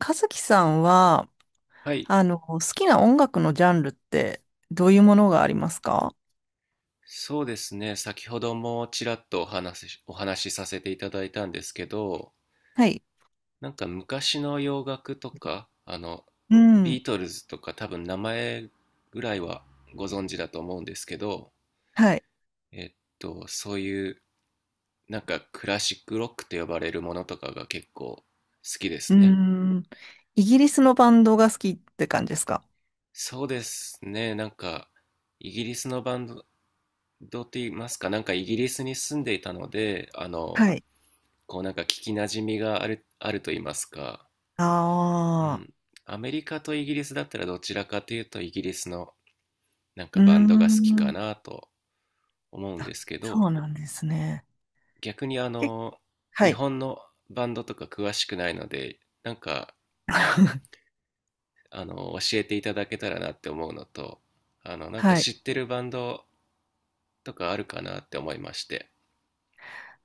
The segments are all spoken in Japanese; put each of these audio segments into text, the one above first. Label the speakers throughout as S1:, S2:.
S1: 和樹さんは、
S2: はい、
S1: 好きな音楽のジャンルってどういうものがありますか？
S2: そうですね。先ほどもちらっとお話しさせていただいたんですけど、
S1: はい。
S2: なんか昔の洋楽とか、
S1: う
S2: ビ
S1: ん。
S2: ートルズとか多分名前ぐらいはご存知だと思うんですけど、
S1: はい。
S2: えっそういうなんかクラシックロックと呼ばれるものとかが結構好きで
S1: う
S2: すね。
S1: ん。イギリスのバンドが好きって感じですか？
S2: そうですね。なんかイギリスのバンドって言いますか、なんかイギリスに住んでいたので、
S1: はい。
S2: こうなんか聞きなじみがあると言いますか、う
S1: ああ、
S2: ん。アメリカとイギリスだったらどちらかというとイギリスのなん
S1: う
S2: か
S1: ー
S2: バンドが好きか
S1: ん。
S2: なと思うんで
S1: あ、
S2: すけど、
S1: そうなんですね。
S2: 逆に
S1: え、は
S2: 日
S1: い。
S2: 本のバンドとか詳しくないので、なんか 教えていただけたらなって思うのと、なんか
S1: はい。
S2: 知ってるバンドとかあるかなって思いまして。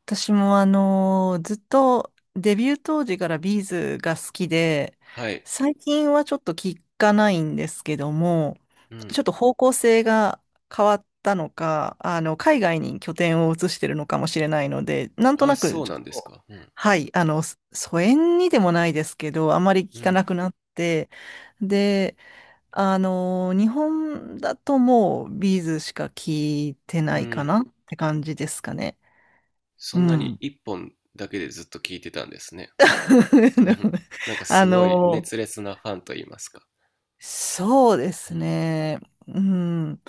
S1: 私もずっとデビュー当時からビーズが好きで、
S2: はい。
S1: 最近はちょっと聞かないんですけども、
S2: う
S1: ちょっ
S2: ん。
S1: と方向性が変わったのか、海外に拠点を移してるのかもしれないので、なんと
S2: あ、
S1: なく
S2: そう
S1: ちょ
S2: な
S1: っ
S2: んです
S1: と、
S2: か。うん。
S1: はい、疎遠にでもないですけど、あまり
S2: う
S1: 聞かな
S2: ん。
S1: くなって、で、日本だともうビーズしか聞いて
S2: う
S1: ないか
S2: ん。
S1: なって感じですかね。
S2: そ
S1: う
S2: んなに
S1: ん。
S2: 一本だけでずっと聞いてたんですね。うん なんか
S1: あ
S2: すごい
S1: の、
S2: 熱烈なファンと言いますか。
S1: そうで
S2: う
S1: す
S2: ん。
S1: ね。うん。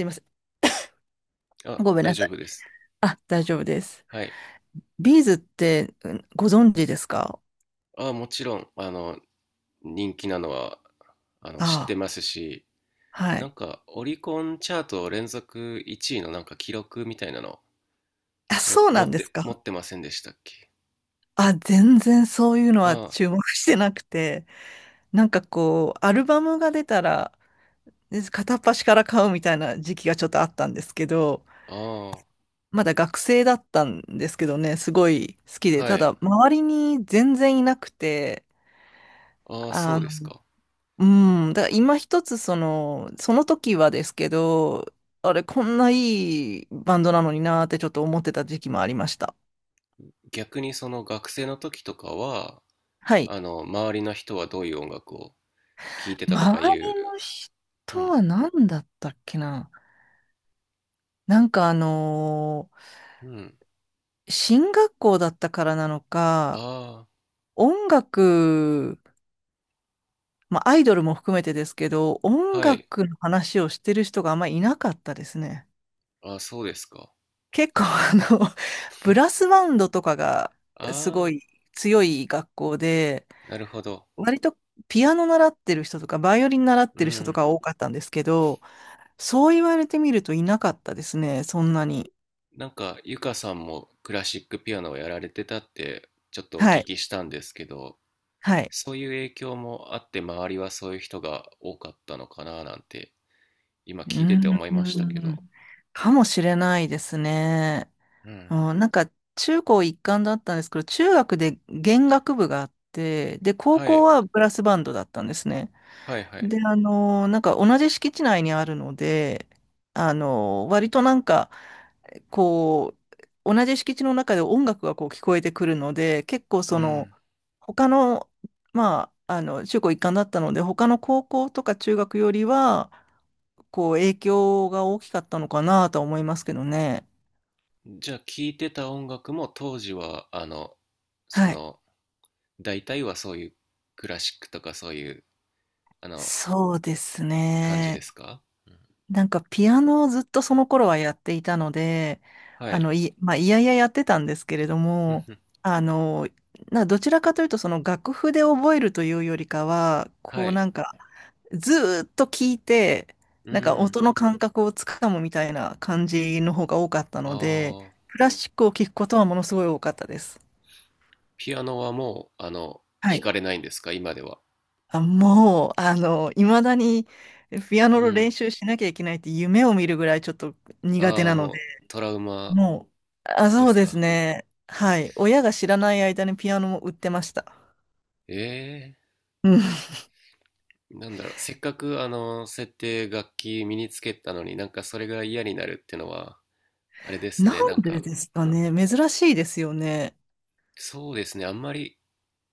S1: すいませ
S2: あ、
S1: ん。ごめん
S2: 大
S1: なさ
S2: 丈
S1: い。
S2: 夫です。
S1: あ、大丈夫です。
S2: はい。
S1: ビーズってご存知ですか？
S2: あ、もちろん、人気なのは、知って
S1: あ
S2: ますし、
S1: あ、は
S2: な
S1: い。
S2: んか、オリコンチャート連続1位のなんか記録みたいなの、
S1: あ、
S2: も、
S1: そう
S2: 持
S1: なん
S2: っ
S1: です
S2: て、持
S1: か？
S2: ってませんでしたっけ？
S1: あ、全然そういうのは
S2: あ
S1: 注目してなくて、なんかこう、アルバムが出たら、で片っ端から買うみたいな時期がちょっとあったんですけど、
S2: あ、ああ、
S1: まだ学生だったんですけどね、すごい好きで、
S2: は
S1: た
S2: い。
S1: だ周りに全然いなくて、
S2: ああ、そ
S1: あ
S2: うで
S1: の、
S2: すか。
S1: うだから今一つその時はですけど、あれ、こんないいバンドなのになーってちょっと思ってた時期もありました。
S2: 逆にその学生の時とかは、
S1: はい。
S2: 周りの人はどういう音楽を聴いてたとか
S1: 周
S2: いう、
S1: りの人
S2: うん、
S1: は何だったっけな。なんか
S2: うん。
S1: 進学校だったからなのか、
S2: あ
S1: 音楽、まあアイドルも含めてですけど、
S2: あ、
S1: 音
S2: はい。
S1: 楽の話をしてる人があんまりいなかったですね。
S2: あ、そうですか。
S1: 結構ブラスバンドとかがすご
S2: ああ、
S1: い強い学校で、
S2: なるほど。
S1: 割とピアノ習ってる人とか、バイオリン習っ
S2: う
S1: てる人と
S2: ん。
S1: か多かったんですけど、そう言われてみるといなかったですね、そんなに。
S2: なんか、ゆかさんもクラシックピアノをやられてたって、ちょっとお
S1: は
S2: 聞
S1: い。
S2: きしたんですけど、
S1: はい。
S2: そういう影響もあって、周りはそういう人が多かったのかななんて、今
S1: うー
S2: 聞いてて思いましたけど。
S1: ん。かもしれないですね。
S2: うん。
S1: うん、なんか、中高一貫だったんですけど、中学で弦楽部があって、で、高
S2: は
S1: 校
S2: い、
S1: はブラスバンドだったんですね。
S2: はい、はい。
S1: で、なんか同じ敷地内にあるので、割となんか、こう、同じ敷地の中で音楽がこう聞こえてくるので、結構そ
S2: う
S1: の、
S2: ん。
S1: 他の、まあ、中高一貫だったので、他の高校とか中学よりは、こう、影響が大きかったのかなとは思いますけどね。
S2: じゃあ、聞いてた音楽も当時は、そ
S1: はい。
S2: の、大体はそういうクラシックとかそういう、あの、
S1: そうです
S2: 感じで
S1: ね。
S2: すか？うん。
S1: なんかピアノをずっとその頃はやっていたので、
S2: はい。
S1: まあ、いやいややってたんですけれど
S2: ふん
S1: も、
S2: ふん。
S1: あの、などちらかというとその楽譜で覚えるというよりかは、こ
S2: は
S1: うな
S2: い。
S1: んかずーっと聞いて、
S2: う
S1: なんか
S2: ん。
S1: 音の感覚をつかむみたいな感じの方が多かったので、
S2: ああ、
S1: クラシックを聞くことはものすごい多かったです。
S2: ピアノはもう、
S1: は
S2: 弾
S1: い。
S2: かれないんですか、今では。
S1: あ、もう、いまだにピアノ
S2: う
S1: の練
S2: ん。
S1: 習しなきゃいけないって夢を見るぐらいちょっと苦手
S2: ああ、
S1: なの
S2: も
S1: で
S2: う、トラウマ
S1: もう、あ、
S2: で
S1: そう
S2: す
S1: です
S2: か。
S1: ね。はい。親が知らない間にピアノも売ってました。
S2: ええー。
S1: うん。
S2: なんだろう、せっかく、設定、楽器身につけたのになんかそれが嫌になるってのは、あれです
S1: なん
S2: ね、なん
S1: で
S2: か、
S1: ですか
S2: う
S1: ね。
S2: ん。
S1: 珍しいですよね。
S2: そうですね、あんまり、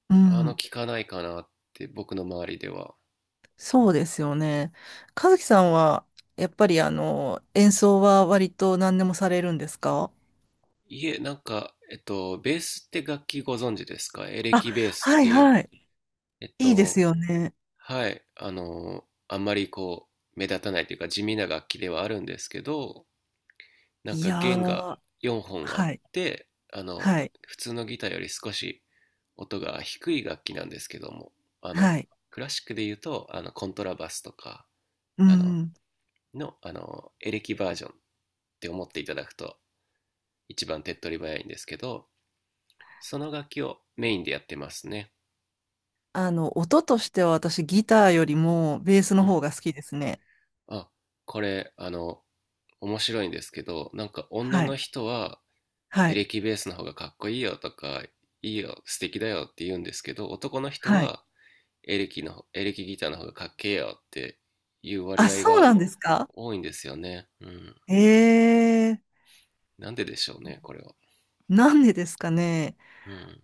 S1: うん。
S2: 聞かないかなって、僕の周りでは。う
S1: そう
S2: ん、
S1: ですよね。和樹さんは、やっぱり演奏は割と何でもされるんですか？
S2: いえ、なんか、ベースって楽器ご存知ですか？エレ
S1: あ、
S2: キベースっ
S1: はい
S2: ていう。
S1: はい。
S2: えっ
S1: いいです
S2: と、
S1: よね。
S2: はい、あんまりこう、目立たないというか地味な楽器ではあるんですけど、なん
S1: い
S2: か
S1: や
S2: 弦が
S1: ー、
S2: 4本あっ
S1: はい、
S2: て、
S1: はい、
S2: 普通のギターより少し音が低い楽器なんですけども、あの、
S1: はい。
S2: クラシックで言うと、コントラバスとか、
S1: う
S2: あの、
S1: ん。
S2: の、あの、エレキバージョンって思っていただくと一番手っ取り早いんですけど、その楽器をメインでやってますね。
S1: 音としては私ギターよりもベース
S2: う
S1: の方
S2: ん。
S1: が好きですね。
S2: あ、これ、面白いんですけど、なんか女
S1: は
S2: の
S1: い、
S2: 人は
S1: は
S2: エ
S1: い、
S2: レキベースの方がかっこいいよとか、いいよ、素敵だよって言うんですけど、男の人
S1: はい。
S2: はエレキギターの方がかっけえよっていう割
S1: あ、
S2: 合
S1: そう
S2: が
S1: なんですか？
S2: 多いんですよね。うん。
S1: ええ、
S2: なんででしょうね、これは。
S1: なんでですかね。
S2: うん。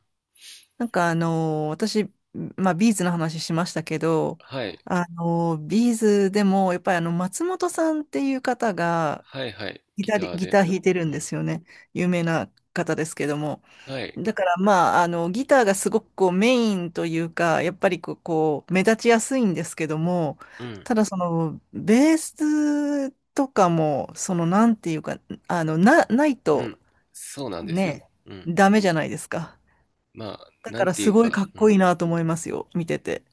S1: なんか私、まあビーズの話しましたけど、
S2: はい。
S1: ビーズでもやっぱりあの松本さんっていう方が
S2: はいはい。ギター
S1: ギタ
S2: で。
S1: ー弾いてる
S2: う
S1: んで
S2: ん。
S1: すよね。有名な方ですけども。
S2: はい。
S1: だからまあ、ギターがすごくこうメインというか、やっぱりこう目立ちやすいんですけども、
S2: うん。
S1: ただベースとかも、なんていうか、ない
S2: う
S1: と、
S2: ん。そうなんですよ。
S1: ね
S2: うん。
S1: え、ダメじゃないですか。
S2: まあ、
S1: だ
S2: な
S1: か
S2: ん
S1: ら
S2: てい
S1: す
S2: う
S1: ごい
S2: か、
S1: かっ
S2: う
S1: こいい
S2: ん。
S1: なと思いますよ、見てて。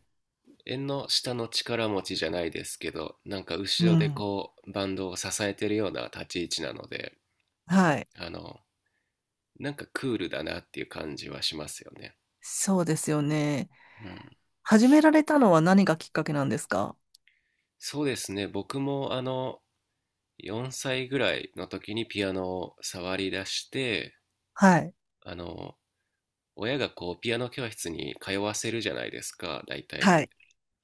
S2: 縁の下の力持ちじゃないですけど、なんか
S1: う
S2: 後ろで
S1: ん。
S2: こう、バンドを支えてるような立ち位置なので、
S1: はい。
S2: あの、なんかクールだなっていう感じはしますよね。
S1: そうですよね。
S2: うん。
S1: 始められたのは何がきっかけなんですか？
S2: そうですね、僕もあの、4歳ぐらいの時にピアノを触り出して、
S1: はい。
S2: あの、親がこう、ピアノ教室に通わせるじゃないですか、大体。
S1: はい。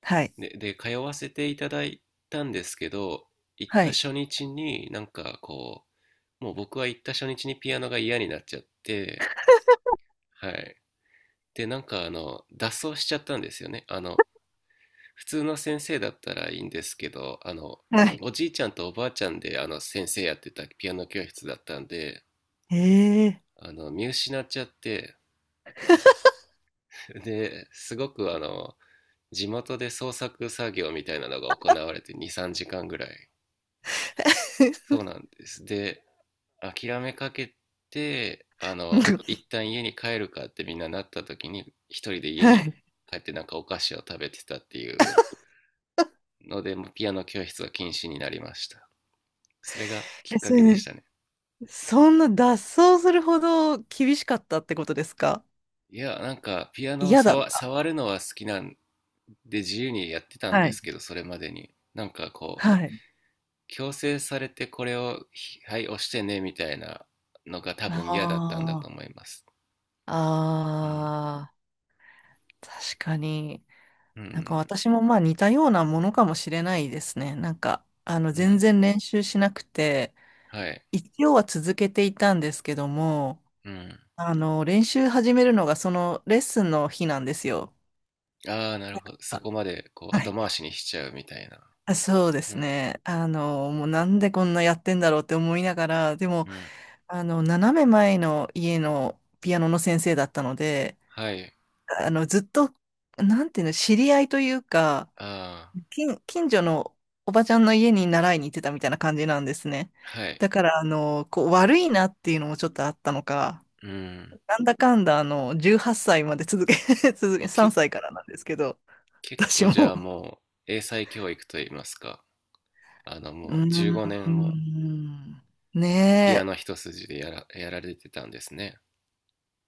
S1: はい。
S2: で、通わせていただいたんですけど、行っ
S1: は
S2: た
S1: い。
S2: 初日になんかこう、もう僕は行った初日にピアノが嫌になっちゃって、はい。で、なんか脱走しちゃったんですよね。普通の先生だったらいいんですけど、
S1: はい。
S2: おじいちゃんとおばあちゃんであの先生やってたピアノ教室だったんで、
S1: ええ。
S2: 見失っちゃって、で、すごく地元で創作作業みたいなのが行われて2、3時間ぐらい。そうなんです。で、諦めかけて、一 旦家に帰るかってみんななった時に、一人で家
S1: は
S2: に
S1: い。
S2: 帰ってなんかお菓子を食べてたっていうので、もうピアノ教室は禁止になりました。それがき
S1: え、
S2: っか
S1: そ
S2: けで
S1: れ、
S2: したね。
S1: そんな脱走するほど厳しかったってことですか？
S2: いや、なんか、ピアノを
S1: 嫌だっ
S2: 触、
S1: た。
S2: 触るのは好きなんで自由にやってたん
S1: は
S2: で
S1: い。
S2: すけど、それまでに。なんかこ
S1: は
S2: う、
S1: い。
S2: 強制されてこれを、ひはい、押してね、みたいなのが多
S1: あ
S2: 分嫌だったんだと思
S1: あ。
S2: います。うん。
S1: ああ。確かに。
S2: う
S1: なんか
S2: ん。
S1: 私もまあ似たようなものかもしれないですね。なんか、
S2: う
S1: 全
S2: ん。
S1: 然練習しなくて、
S2: はい。
S1: 一応は続けていたんですけども、
S2: うん。
S1: 練習始めるのがそのレッスンの日なんですよ。
S2: ああ、なるほど。そ
S1: あ、
S2: こまで、こう、
S1: は
S2: 後回
S1: い。
S2: しにしちゃうみたいな。
S1: あ、そうで
S2: う
S1: す
S2: ん。
S1: ね。もうなんでこんなやってんだろうって思いながら、でも、
S2: うん。
S1: 斜め前の家のピアノの先生だったので、
S2: はい。
S1: ずっと、なんていうの、知り合いというか、
S2: ああ、
S1: 近所のおばちゃんの家に習いに行ってたみたいな感じなんですね。
S2: はい。
S1: だから、こう、悪いなっていうのもちょっとあったのか、
S2: うん。
S1: なんだかんだ、18歳まで続け、続け、
S2: あ、
S1: 3
S2: け、
S1: 歳からなんですけど、
S2: 結
S1: 私
S2: 構じ
S1: も。
S2: ゃあもう、英才教育といいますか、
S1: う
S2: もう15
S1: ー
S2: 年も
S1: ん。
S2: ピア
S1: ね
S2: ノ一筋でやられてたんですね。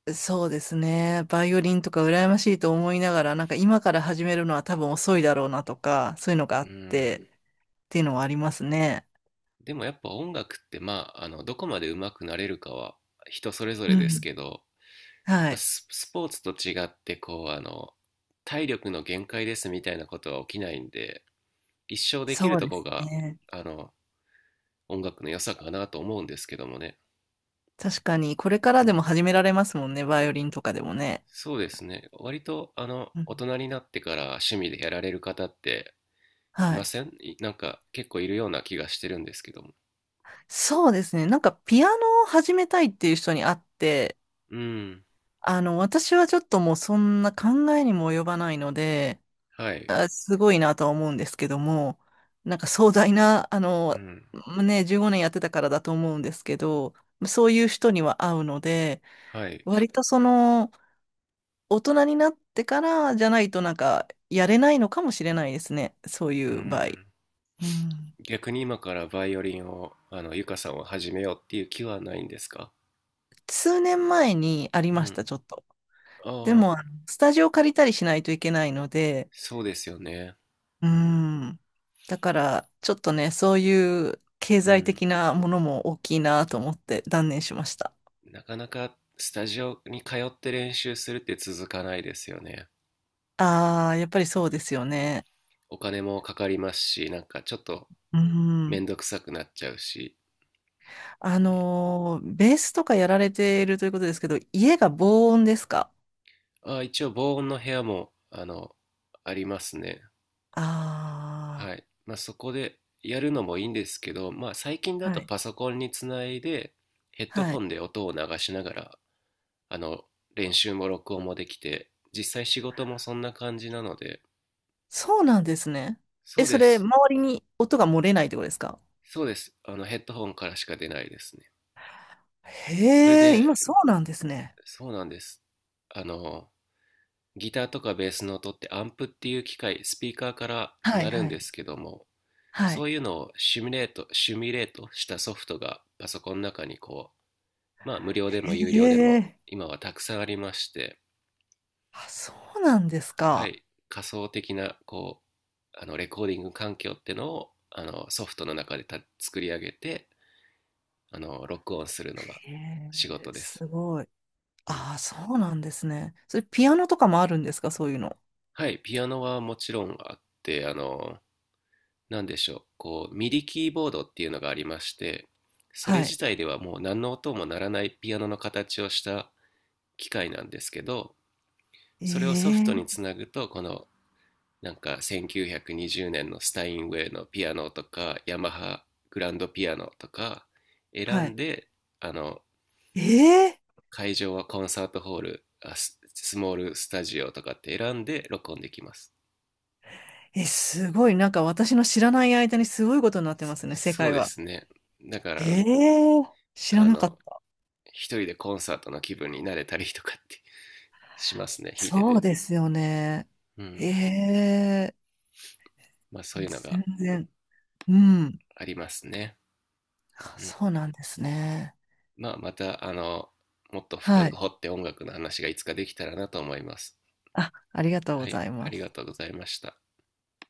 S1: え、そうですね。バイオリンとか羨ましいと思いながら、なんか今から始めるのは多分遅いだろうなとか、そういうのがあ
S2: う
S1: って、
S2: ん。
S1: っていうのはありますね。
S2: でもやっぱ音楽って、まあ、どこまで上手くなれるかは人それぞ
S1: う
S2: れです
S1: ん。
S2: けど、やっ
S1: は
S2: ぱ
S1: い。
S2: スポーツと違って、こう、体力の限界ですみたいなことは起きないんで、一生できる
S1: そう
S2: と
S1: で
S2: こ
S1: す
S2: が、
S1: ね。
S2: あの、音楽の良さかなと思うんですけどもね。
S1: 確かに、これから
S2: う
S1: でも
S2: ん。
S1: 始められますもんね、バイオリンとかでもね。
S2: そうですね。割と、
S1: う
S2: 大
S1: ん。
S2: 人になってから趣味でやられる方ってい
S1: は
S2: ま
S1: い。
S2: せんいなんか結構いるような気がしてるんですけども。
S1: そうですね。なんか、ピアノを始めたいっていう人に会って、
S2: うん。
S1: 私はちょっともうそんな考えにも及ばないので、
S2: はい。
S1: あ、すごいなとは思うんですけども、なんか壮大な、
S2: うん。
S1: ね、15年やってたからだと思うんですけど、そういう人には会うので、
S2: はい。
S1: 割と大人になってからじゃないとなんか、やれないのかもしれないですね。そうい
S2: う
S1: う場合。
S2: ん。
S1: うん。
S2: 逆に今からバイオリンを、ゆかさんを始めようっていう気はないんですか？
S1: 数年前にあり
S2: う
S1: ました、
S2: ん。
S1: ちょっと。で
S2: ああ、
S1: も、あのスタジオ借りたりしないといけないので、
S2: そうですよね。
S1: うー
S2: うん。
S1: ん。だから、ちょっとね、そういう経
S2: う
S1: 済
S2: ん。
S1: 的なものも大きいなと思って断念しました。
S2: なかなかスタジオに通って練習するって続かないですよね。
S1: ああ、やっぱり
S2: う
S1: そうで
S2: ん。
S1: すよね。
S2: お金もかかりますし、なんかちょっと
S1: う
S2: め
S1: ん。
S2: んどくさくなっちゃうし。うん。
S1: ベースとかやられているということですけど、家が防音ですか？
S2: ああ、一応防音の部屋も、ありますね。は
S1: あ
S2: い。まあ、そこでやるのもいいんですけど、まあ、最近
S1: あ
S2: だ
S1: ー、は
S2: と
S1: い。
S2: パソコンにつないで、ヘッド
S1: は
S2: フォ
S1: い。
S2: ンで音を流しながら、あの、練習も録音もできて、実際仕事もそんな感じなので、
S1: そうなんですね。え、
S2: そう
S1: そ
S2: で
S1: れ、
S2: す。
S1: 周りに音が漏れないってことですか？
S2: そうです。ヘッドホンからしか出ないですね。それ
S1: へえ、今
S2: で、
S1: そうなんですね。
S2: そうなんです。あの、ギターとかベースの音ってアンプっていう機械、スピーカーから
S1: はい
S2: なるん
S1: は
S2: で
S1: い。
S2: すけども、
S1: は
S2: そ
S1: い。
S2: ういうのをシミュレートしたソフトがパソコンの中にまあ無料でも有料でも
S1: ええ。
S2: 今はたくさんありまして、
S1: あ、そうなんです
S2: は
S1: か。
S2: い、仮想的なこう、あの、レコーディング環境ってのをあのソフトの中で作り上げて、あの、録音するのが
S1: え
S2: 仕
S1: え、
S2: 事です。
S1: すごい。
S2: うん、
S1: ああ、そうなんですね。それピアノとかもあるんですか、そういうの。
S2: はい、ピアノはもちろんあって、あの、何でしょう、こうミディキーボードっていうのがありまして、それ
S1: はい。
S2: 自体ではもう何の音も鳴らないピアノの形をした機械なんですけど、それをソフ
S1: え
S2: トに
S1: え。
S2: つなぐとこのなんか1920年のスタインウェイのピアノとかヤマハグランドピアノとか選
S1: は
S2: ん
S1: い。
S2: で、あの、
S1: え
S2: 会場はコンサートホール、スモールスタジオとかって選んで録音できます。
S1: ええ、すごい。なんか私の知らない間にすごいことになってますね、世
S2: そう
S1: 界
S2: で
S1: は。
S2: すね、だから、
S1: ええ、知ら
S2: あ
S1: なかっ
S2: の、
S1: た。
S2: 一人でコンサートの気分になれたりとかってしますね、弾いて
S1: そう
S2: て。
S1: ですよね。
S2: う
S1: え
S2: ん。
S1: え、
S2: まあそういうのが
S1: 全然。うん。
S2: ありますね。うん。
S1: そうなんですね。
S2: まあまた、あの、もっと深
S1: は
S2: く
S1: い。
S2: 掘って音楽の話がいつかできたらなと思います。
S1: あ、ありがとうご
S2: は
S1: ざ
S2: い、
S1: い
S2: あ
S1: ま
S2: りが
S1: す。
S2: とうございました。